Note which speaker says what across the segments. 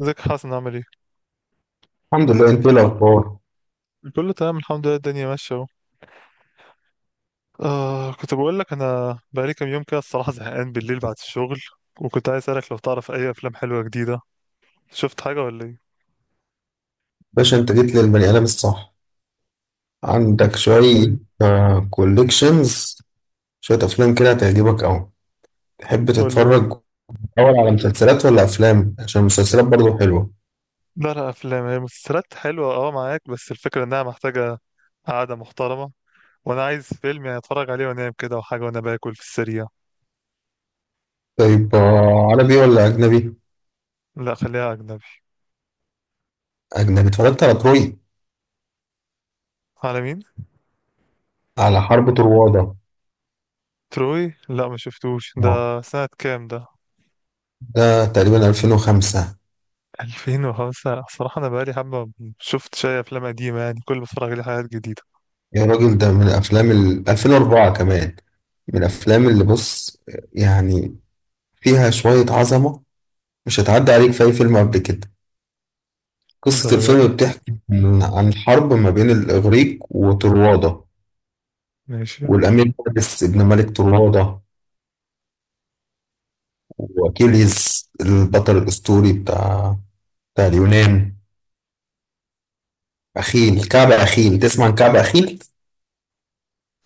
Speaker 1: ازيك يا حسن؟ عامل ايه؟
Speaker 2: الحمد لله. انت ايه الاخبار؟
Speaker 1: كله تمام الحمد لله، الدنيا ماشية اهو. آه، كنت بقول لك انا بقالي كام يوم كده، الصراحة زهقان بالليل بعد الشغل، وكنت عايز اسألك لو تعرف اي افلام حلوة جديدة. شفت حاجة ولا ايه؟
Speaker 2: باشا، انت جيت للبني ادم الصح. عندك شويه
Speaker 1: حبيبي.
Speaker 2: كوليكشنز، شويه افلام كده هتعجبك قوي. تحب
Speaker 1: قول لي بقى.
Speaker 2: تتفرج اول على مسلسلات ولا افلام؟ عشان المسلسلات برضو حلوه.
Speaker 1: لا لا، افلام. هي مسلسلات حلوة اه معاك، بس الفكرة انها محتاجة قعدة محترمة. وانا عايز فيلم يعني اتفرج عليه وانام كده، وحاجة وانا باكل في السريع.
Speaker 2: طيب عربي ولا اجنبي؟
Speaker 1: لا خليها اجنبي.
Speaker 2: اجنبي. اتفرجت على تروي؟
Speaker 1: على مين؟
Speaker 2: على حرب طروادة.
Speaker 1: تروي؟ لا ما شفتوش.
Speaker 2: آه.
Speaker 1: ده سنة كام ده؟
Speaker 2: ده تقريبا 2005.
Speaker 1: 2000 وخمسة. صراحة أنا بقالي حبة ما شفت شوية أفلام قديمة، يعني كل ما بتفرج عليه حاجات جديدة.
Speaker 2: يا راجل، ده من افلام ال 2004 كمان. من الافلام اللي، بص، يعني فيها شويه عظمه. مش هتعدي عليك في اي فيلم قبل كده. قصة
Speaker 1: الدرجة
Speaker 2: الفيلم
Speaker 1: دي؟
Speaker 2: بتحكي عن حرب ما بين الإغريق وطروادة،
Speaker 1: ماشي.
Speaker 2: والأمير فارس ابن ملك طروادة، وأكيليز البطل الأسطوري بتاع اليونان. أخيل، كعب أخيل. تسمع عن كعب أخيل؟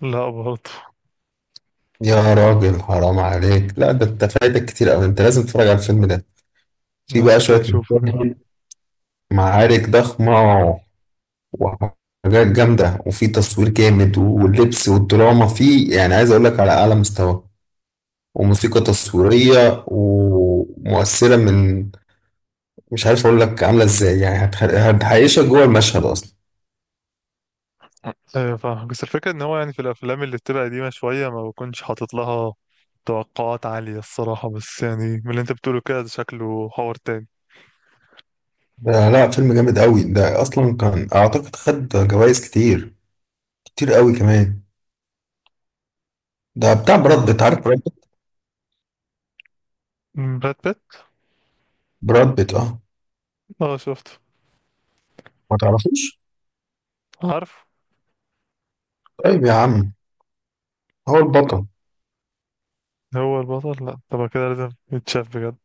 Speaker 1: لا برضه.
Speaker 2: يا راجل، حرام عليك. لا، ده أنت فايتك كتير أوي، أنت لازم تتفرج على الفيلم ده. في
Speaker 1: أنا
Speaker 2: بقى
Speaker 1: شكلي
Speaker 2: شوية
Speaker 1: أشوفه كده.
Speaker 2: مشاهد، معارك ضخمة وحاجات جامدة، وفي تصوير جامد، واللبس والدراما فيه يعني عايز أقول لك على أعلى مستوى. وموسيقى تصويرية ومؤثرة من، مش عارف أقول لك عاملة إزاي، يعني هتعيشك جوه المشهد أصلا.
Speaker 1: أيوة فاهم، بس الفكرة إن هو يعني في الأفلام اللي بتبقى قديمة شوية ما بكونش حاطط لها توقعات عالية الصراحة، بس يعني من اللي أنت بتقوله كده، ده شكله حوار تاني.
Speaker 2: ده لا، فيلم جامد قوي ده، أصلا كان أعتقد خد جوائز كتير، كتير قوي كمان. ده بتاع براد بيت،
Speaker 1: مم.
Speaker 2: عارف براد بيت؟
Speaker 1: براد بيت.
Speaker 2: براد بيت، أه.
Speaker 1: اه شفته.
Speaker 2: ما تعرفوش؟
Speaker 1: عارف.
Speaker 2: طيب يا عم، هو البطل.
Speaker 1: هو البطل؟ لا طب كده لازم يتشاف بجد.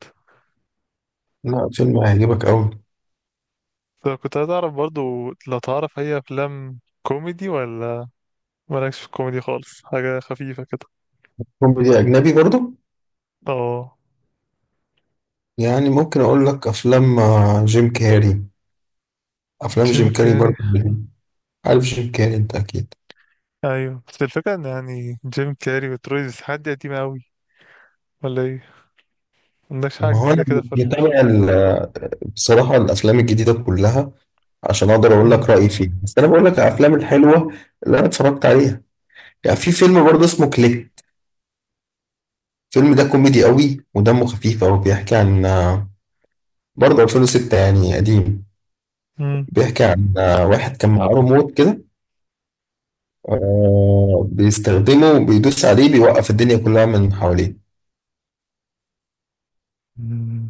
Speaker 2: لا، فيلم هيعجبك قوي.
Speaker 1: طب كنت عايز أعرف برضه، لو تعرف هي أفلام كوميدي ولا مالكش في الكوميدي خالص، حاجة خفيفة كده.
Speaker 2: كوميدي أجنبي برضه؟
Speaker 1: اه.
Speaker 2: يعني ممكن أقول لك أفلام جيم كاري. أفلام
Speaker 1: جيم
Speaker 2: جيم كاري
Speaker 1: كاري.
Speaker 2: برضه، عارف جيم كاري أنت أكيد.
Speaker 1: ايوه بس الفكرة ان يعني جيم كاري وتروي سيزن دي قديمة اوي ولا ايه؟ مندكش
Speaker 2: ما
Speaker 1: حاجة
Speaker 2: هو انا
Speaker 1: جديدة كده فركوشة.
Speaker 2: بتابع بصراحه الافلام الجديده كلها عشان اقدر اقول
Speaker 1: مم.
Speaker 2: لك رايي فيها. بس انا بقول لك الافلام الحلوه اللي انا اتفرجت عليها. يعني في فيلم برضه اسمه كليك. الفيلم ده كوميدي قوي ودمه خفيف قوي. بيحكي عن برضه 2006، يعني قديم.
Speaker 1: مم.
Speaker 2: بيحكي عن واحد كان معاه ريموت كده، بيستخدمه، بيدوس عليه بيوقف الدنيا كلها من حواليه.
Speaker 1: مم.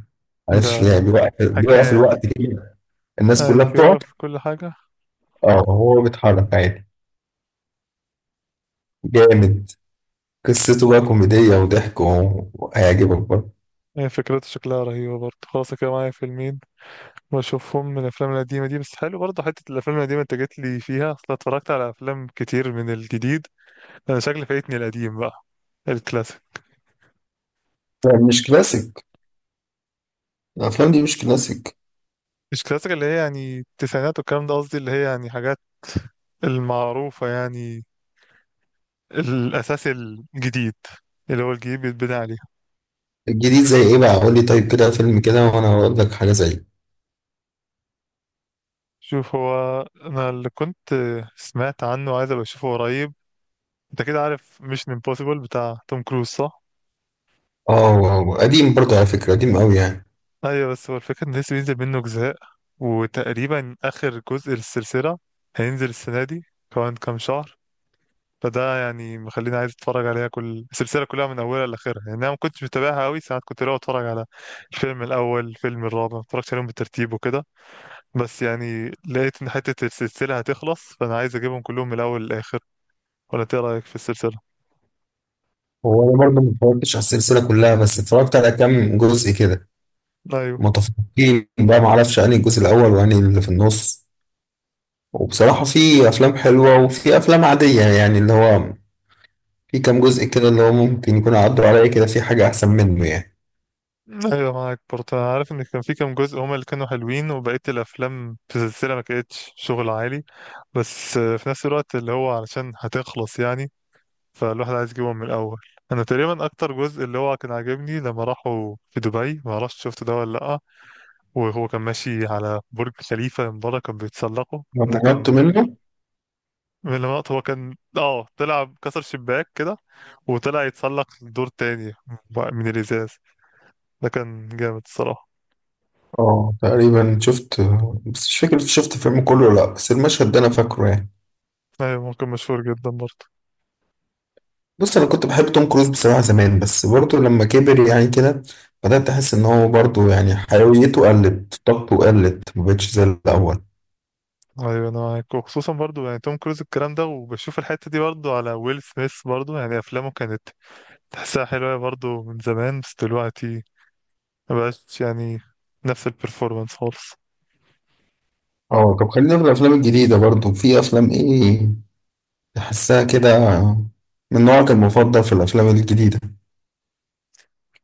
Speaker 1: ده
Speaker 2: عارف، يعني بيوقف،
Speaker 1: حكاية ده.
Speaker 2: الوقت كده. الناس كلها
Speaker 1: ايوه
Speaker 2: بتقعد،
Speaker 1: يقف في كل حاجة.
Speaker 2: اه، هو بيتحرك عادي. جامد. قصته بقى كوميدية وضحك وهيعجبك برضه.
Speaker 1: هي فكرته شكلها رهيبة برضه. خلاص كده معايا فيلمين بشوفهم من الأفلام القديمة دي، بس حلو برضه حتة الأفلام القديمة أنت جيت لي فيها، أصل أنا اتفرجت على أفلام كتير من الجديد. أنا شكلي فايتني القديم بقى، الكلاسيك.
Speaker 2: يعني مش كلاسيك، الأفلام دي مش كلاسيك.
Speaker 1: مش كلاسيك اللي هي يعني التسعينات والكلام ده، قصدي اللي هي يعني حاجات المعروفة يعني، الأساس الجديد اللي هو الجديد بيتبني عليه.
Speaker 2: الجديد زي إيه بقى؟ قول لي طيب كده فيلم كده وأنا هقول لك حاجة زيه.
Speaker 1: شوف، هو أنا اللي كنت سمعت عنه عايز أبقى أشوفه قريب، أنت كده عارف ميشن امبوسيبل بتاع توم كروز صح؟
Speaker 2: قديم برضه على فكرة، قديم أوي يعني.
Speaker 1: أيوة، بس هو الفكرة إن لسه بينزل منه أجزاء، وتقريبا آخر جزء للسلسلة هينزل السنة دي كمان كام شهر، فده يعني مخليني عايز اتفرج عليها كل السلسله كلها من اولها لاخرها. يعني انا ما كنتش متابعها قوي، ساعات كنت لو اتفرج على الفيلم الاول، الفيلم الرابع، ما اتفرجتش عليهم بالترتيب وكده، بس يعني لقيت ان حته السلسله هتخلص، فانا عايز اجيبهم كلهم من الاول للاخر. ولا انت إيه رايك في السلسله؟
Speaker 2: هو أنا برضه ما اتفرجتش على السلسلة كلها، بس اتفرجت على كام جزء كده.
Speaker 1: ايوه.
Speaker 2: متفقين بقى، معرفش أنهي الجزء الأول وأنهي اللي في النص. وبصراحة في أفلام حلوة وفي أفلام عادية، يعني اللي هو في كام جزء كده اللي هو ممكن يكون عدوا عليا كده في حاجة أحسن منه يعني.
Speaker 1: ايوه معاك برضه، انا عارف ان كان في كام جزء هما اللي كانوا حلوين وبقيه الافلام في السلسله ما كانتش شغل عالي، بس في نفس الوقت اللي هو علشان هتخلص يعني، فالواحد عايز يجيبهم من الأول. أنا تقريبا أكتر جزء اللي هو كان عاجبني لما راحوا في دبي، ما اعرفش شفته ده ولا لأ، وهو كان ماشي على برج خليفة من بره كان بيتسلقه. ده
Speaker 2: لما هربت
Speaker 1: كان
Speaker 2: منه.
Speaker 1: من اللقطات. هو كان اه طلع كسر شباك كده، وطلع يتسلق لدور تاني من الإزاز، ده كان جامد الصراحة.
Speaker 2: اه تقريبا شفت، بس مش فاكر شفت الفيلم كله ولا لا، بس المشهد ده انا فاكره يعني.
Speaker 1: أيوة ممكن مشهور جدا برضه.
Speaker 2: بص، انا كنت بحب توم كروز بصراحه زمان، بس برضه لما كبر يعني كده بدات احس ان هو برضه يعني حيويته قلت، طاقته قلت، ما بقتش زي الاول.
Speaker 1: أيوة أنا معاك، وخصوصا برضه يعني توم كروز الكلام ده، وبشوف الحتة دي برضه على ويل سميث، برضه يعني أفلامه كانت تحسها حلوة برضه من زمان، بس دلوقتي مبقاش يعني نفس البرفورمانس خالص.
Speaker 2: اه، طب خلينا في الافلام الجديده برضه. في افلام ايه تحسها كده من نوعك المفضل في الافلام الجديده؟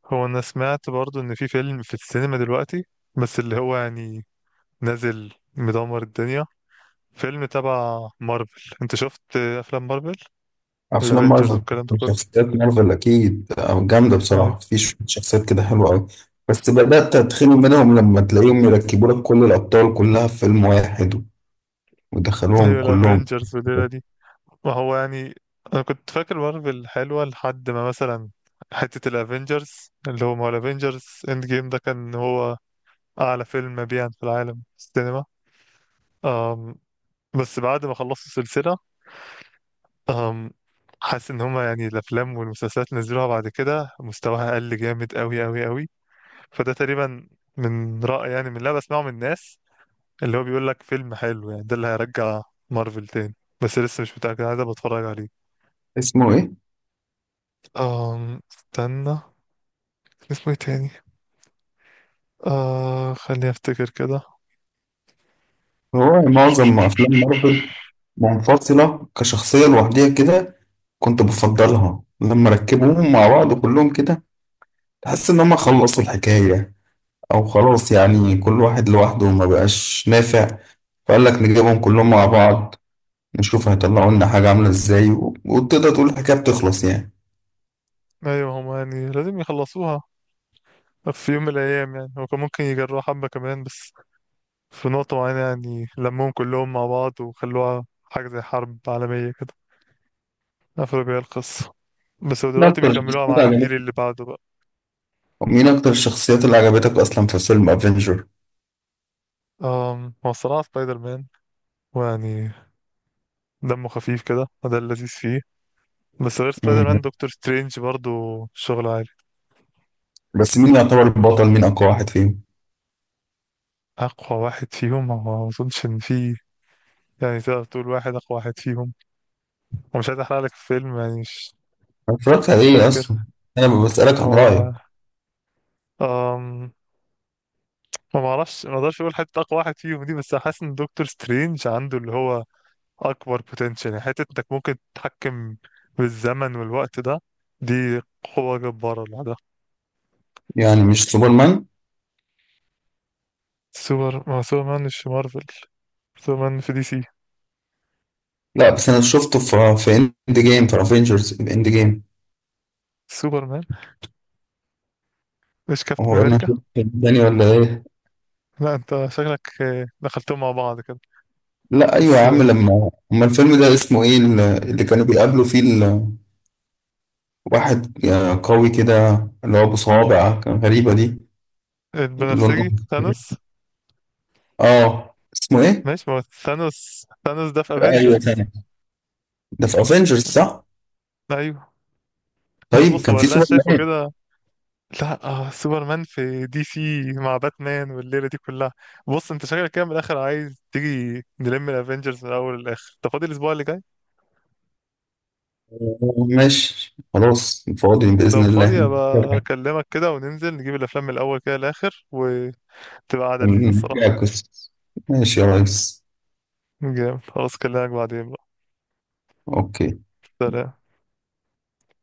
Speaker 1: هو انا سمعت برضو ان في فيلم في السينما دلوقتي، بس اللي هو يعني نازل مدمر الدنيا، فيلم تبع مارفل. انت شفت افلام مارفل؟
Speaker 2: افلام
Speaker 1: الافينجرز
Speaker 2: مارفل،
Speaker 1: والكلام ده كله؟
Speaker 2: شخصيات مارفل اكيد جامده
Speaker 1: ايوه.
Speaker 2: بصراحه، في شوية شخصيات كده حلوه قوي. بس بدات اتخنق منهم لما تلاقيهم يركبوا لك كل الابطال كلها في فيلم واحد ودخلوهم
Speaker 1: ايوه
Speaker 2: كلهم.
Speaker 1: الافينجرز والليله دي. ما هو يعني انا كنت فاكر مارفل حلوه لحد ما مثلا حته الافينجرز، اللي هو ما هو الافينجرز اند جيم ده كان هو اعلى فيلم مبيعا في العالم في السينما. أم، بس بعد ما خلصت السلسله، أم حاسس ان هما يعني الافلام والمسلسلات اللي نزلوها بعد كده مستواها قل جامد قوي قوي قوي. فده تقريبا من رأي، يعني من اللي أنا بسمعه من الناس اللي هو بيقول لك فيلم حلو، يعني ده اللي هيرجع مارفل تاني، بس لسه مش متأكد عايز أبقى اتفرج عليه.
Speaker 2: اسمه ايه؟
Speaker 1: استنى كان اسمه ايه تاني؟ آه خليني افتكر كده.
Speaker 2: هو معظم افلام مارفل منفصله كشخصيه لوحديها كده، كنت بفضلها. لما ركبوهم مع بعض كلهم كده تحس ان هم خلصوا الحكايه، او خلاص يعني كل واحد لوحده ما بقاش نافع، فقال لك نجيبهم كلهم مع بعض، نشوف هيطلعوا لنا حاجة عاملة ازاي، وتقدر تقول الحكاية بتخلص يعني.
Speaker 1: ايوه هما يعني لازم يخلصوها في يوم من الايام. يعني هو كان ممكن يجربوا حبة كمان، بس في نقطة معينة يعني لمهم كلهم مع بعض وخلوها حاجة زي حرب عالمية كده، قفلوا بيها القصة. بس هو
Speaker 2: مين
Speaker 1: دلوقتي
Speaker 2: أكتر
Speaker 1: بيكملوها
Speaker 2: الشخصيات
Speaker 1: مع الجيل
Speaker 2: عجبتك؟
Speaker 1: اللي بعده بقى.
Speaker 2: مين أكتر الشخصيات اللي عجبتك أصلا في فيلم افنجر؟
Speaker 1: هو الصراحة سبايدر مان، ويعني دمه خفيف كده وده اللذيذ فيه. بس غير سبايدر
Speaker 2: مم.
Speaker 1: مان، دكتور سترينج برضو شغل عالي.
Speaker 2: بس مين يعتبر البطل؟ مين أقوى واحد فيهم؟
Speaker 1: أقوى واحد فيهم هو، ما أظنش إن في، يعني تقدر تقول واحد أقوى واحد فيهم، ومش عايز أحرق لك الفيلم يعني. مش
Speaker 2: أنا اتفرجت على إيه
Speaker 1: فاكر
Speaker 2: أصلا؟ أنا بسألك عن رأيك.
Speaker 1: هو. أم ما معرفش، ما اقدرش اقول حتى اقوى واحد فيهم دي، بس حاسس ان دكتور سترينج عنده اللي هو اكبر بوتنشال، يعني حته انك ممكن تتحكم بالزمن والوقت ده، دي قوه جباره لوحدها.
Speaker 2: يعني مش سوبرمان؟
Speaker 1: سوبر مان مش في مارفل، سوبر مان في دي سي.
Speaker 2: لا بس أنا شفته في إند جيم، في افنجرز في إند جيم.
Speaker 1: سوبر مان مش كابتن
Speaker 2: هو أنا
Speaker 1: امريكا.
Speaker 2: شفته التاني ولا إيه؟
Speaker 1: لا انت شكلك دخلتهم مع بعض كده.
Speaker 2: لا أيوة
Speaker 1: بس
Speaker 2: يا عم، لما أما الفيلم ده اسمه إيه، اللي كانوا بيقابلوا فيه واحد قوي كده، اللي هو أبو صوابع كان، غريبة دي، لونه
Speaker 1: البنفسجي
Speaker 2: أصفر.
Speaker 1: ثانوس.
Speaker 2: اه اسمه ايه؟
Speaker 1: ماشي ما هو ثانوس. ثانوس ده في
Speaker 2: ايوه،
Speaker 1: افنجرز.
Speaker 2: ثاني، ده في افنجرز صح؟
Speaker 1: ايوه. بص
Speaker 2: طيب
Speaker 1: بص
Speaker 2: كان
Speaker 1: هو
Speaker 2: في
Speaker 1: اللي انا
Speaker 2: سوبر
Speaker 1: شايفه
Speaker 2: مان.
Speaker 1: كده. لا آه، سوبرمان في دي سي مع باتمان والليلة دي كلها. بص انت شكلك كده من الآخر عايز تيجي نلم الافينجرز من الأول للآخر. انت فاضي الأسبوع اللي جاي؟
Speaker 2: ماشي خلاص، فاضي
Speaker 1: لو
Speaker 2: بإذن الله.
Speaker 1: فاضي أبقى
Speaker 2: نرجع،
Speaker 1: أكلمك كده وننزل نجيب الأفلام من الأول كده للآخر، وتبقى قعدة لذيذة
Speaker 2: نرجع
Speaker 1: الصراحة.
Speaker 2: القصة. ماشي يا ريس.
Speaker 1: جامد خلاص، أكلمك بعدين بقى.
Speaker 2: اوكي.
Speaker 1: سلام.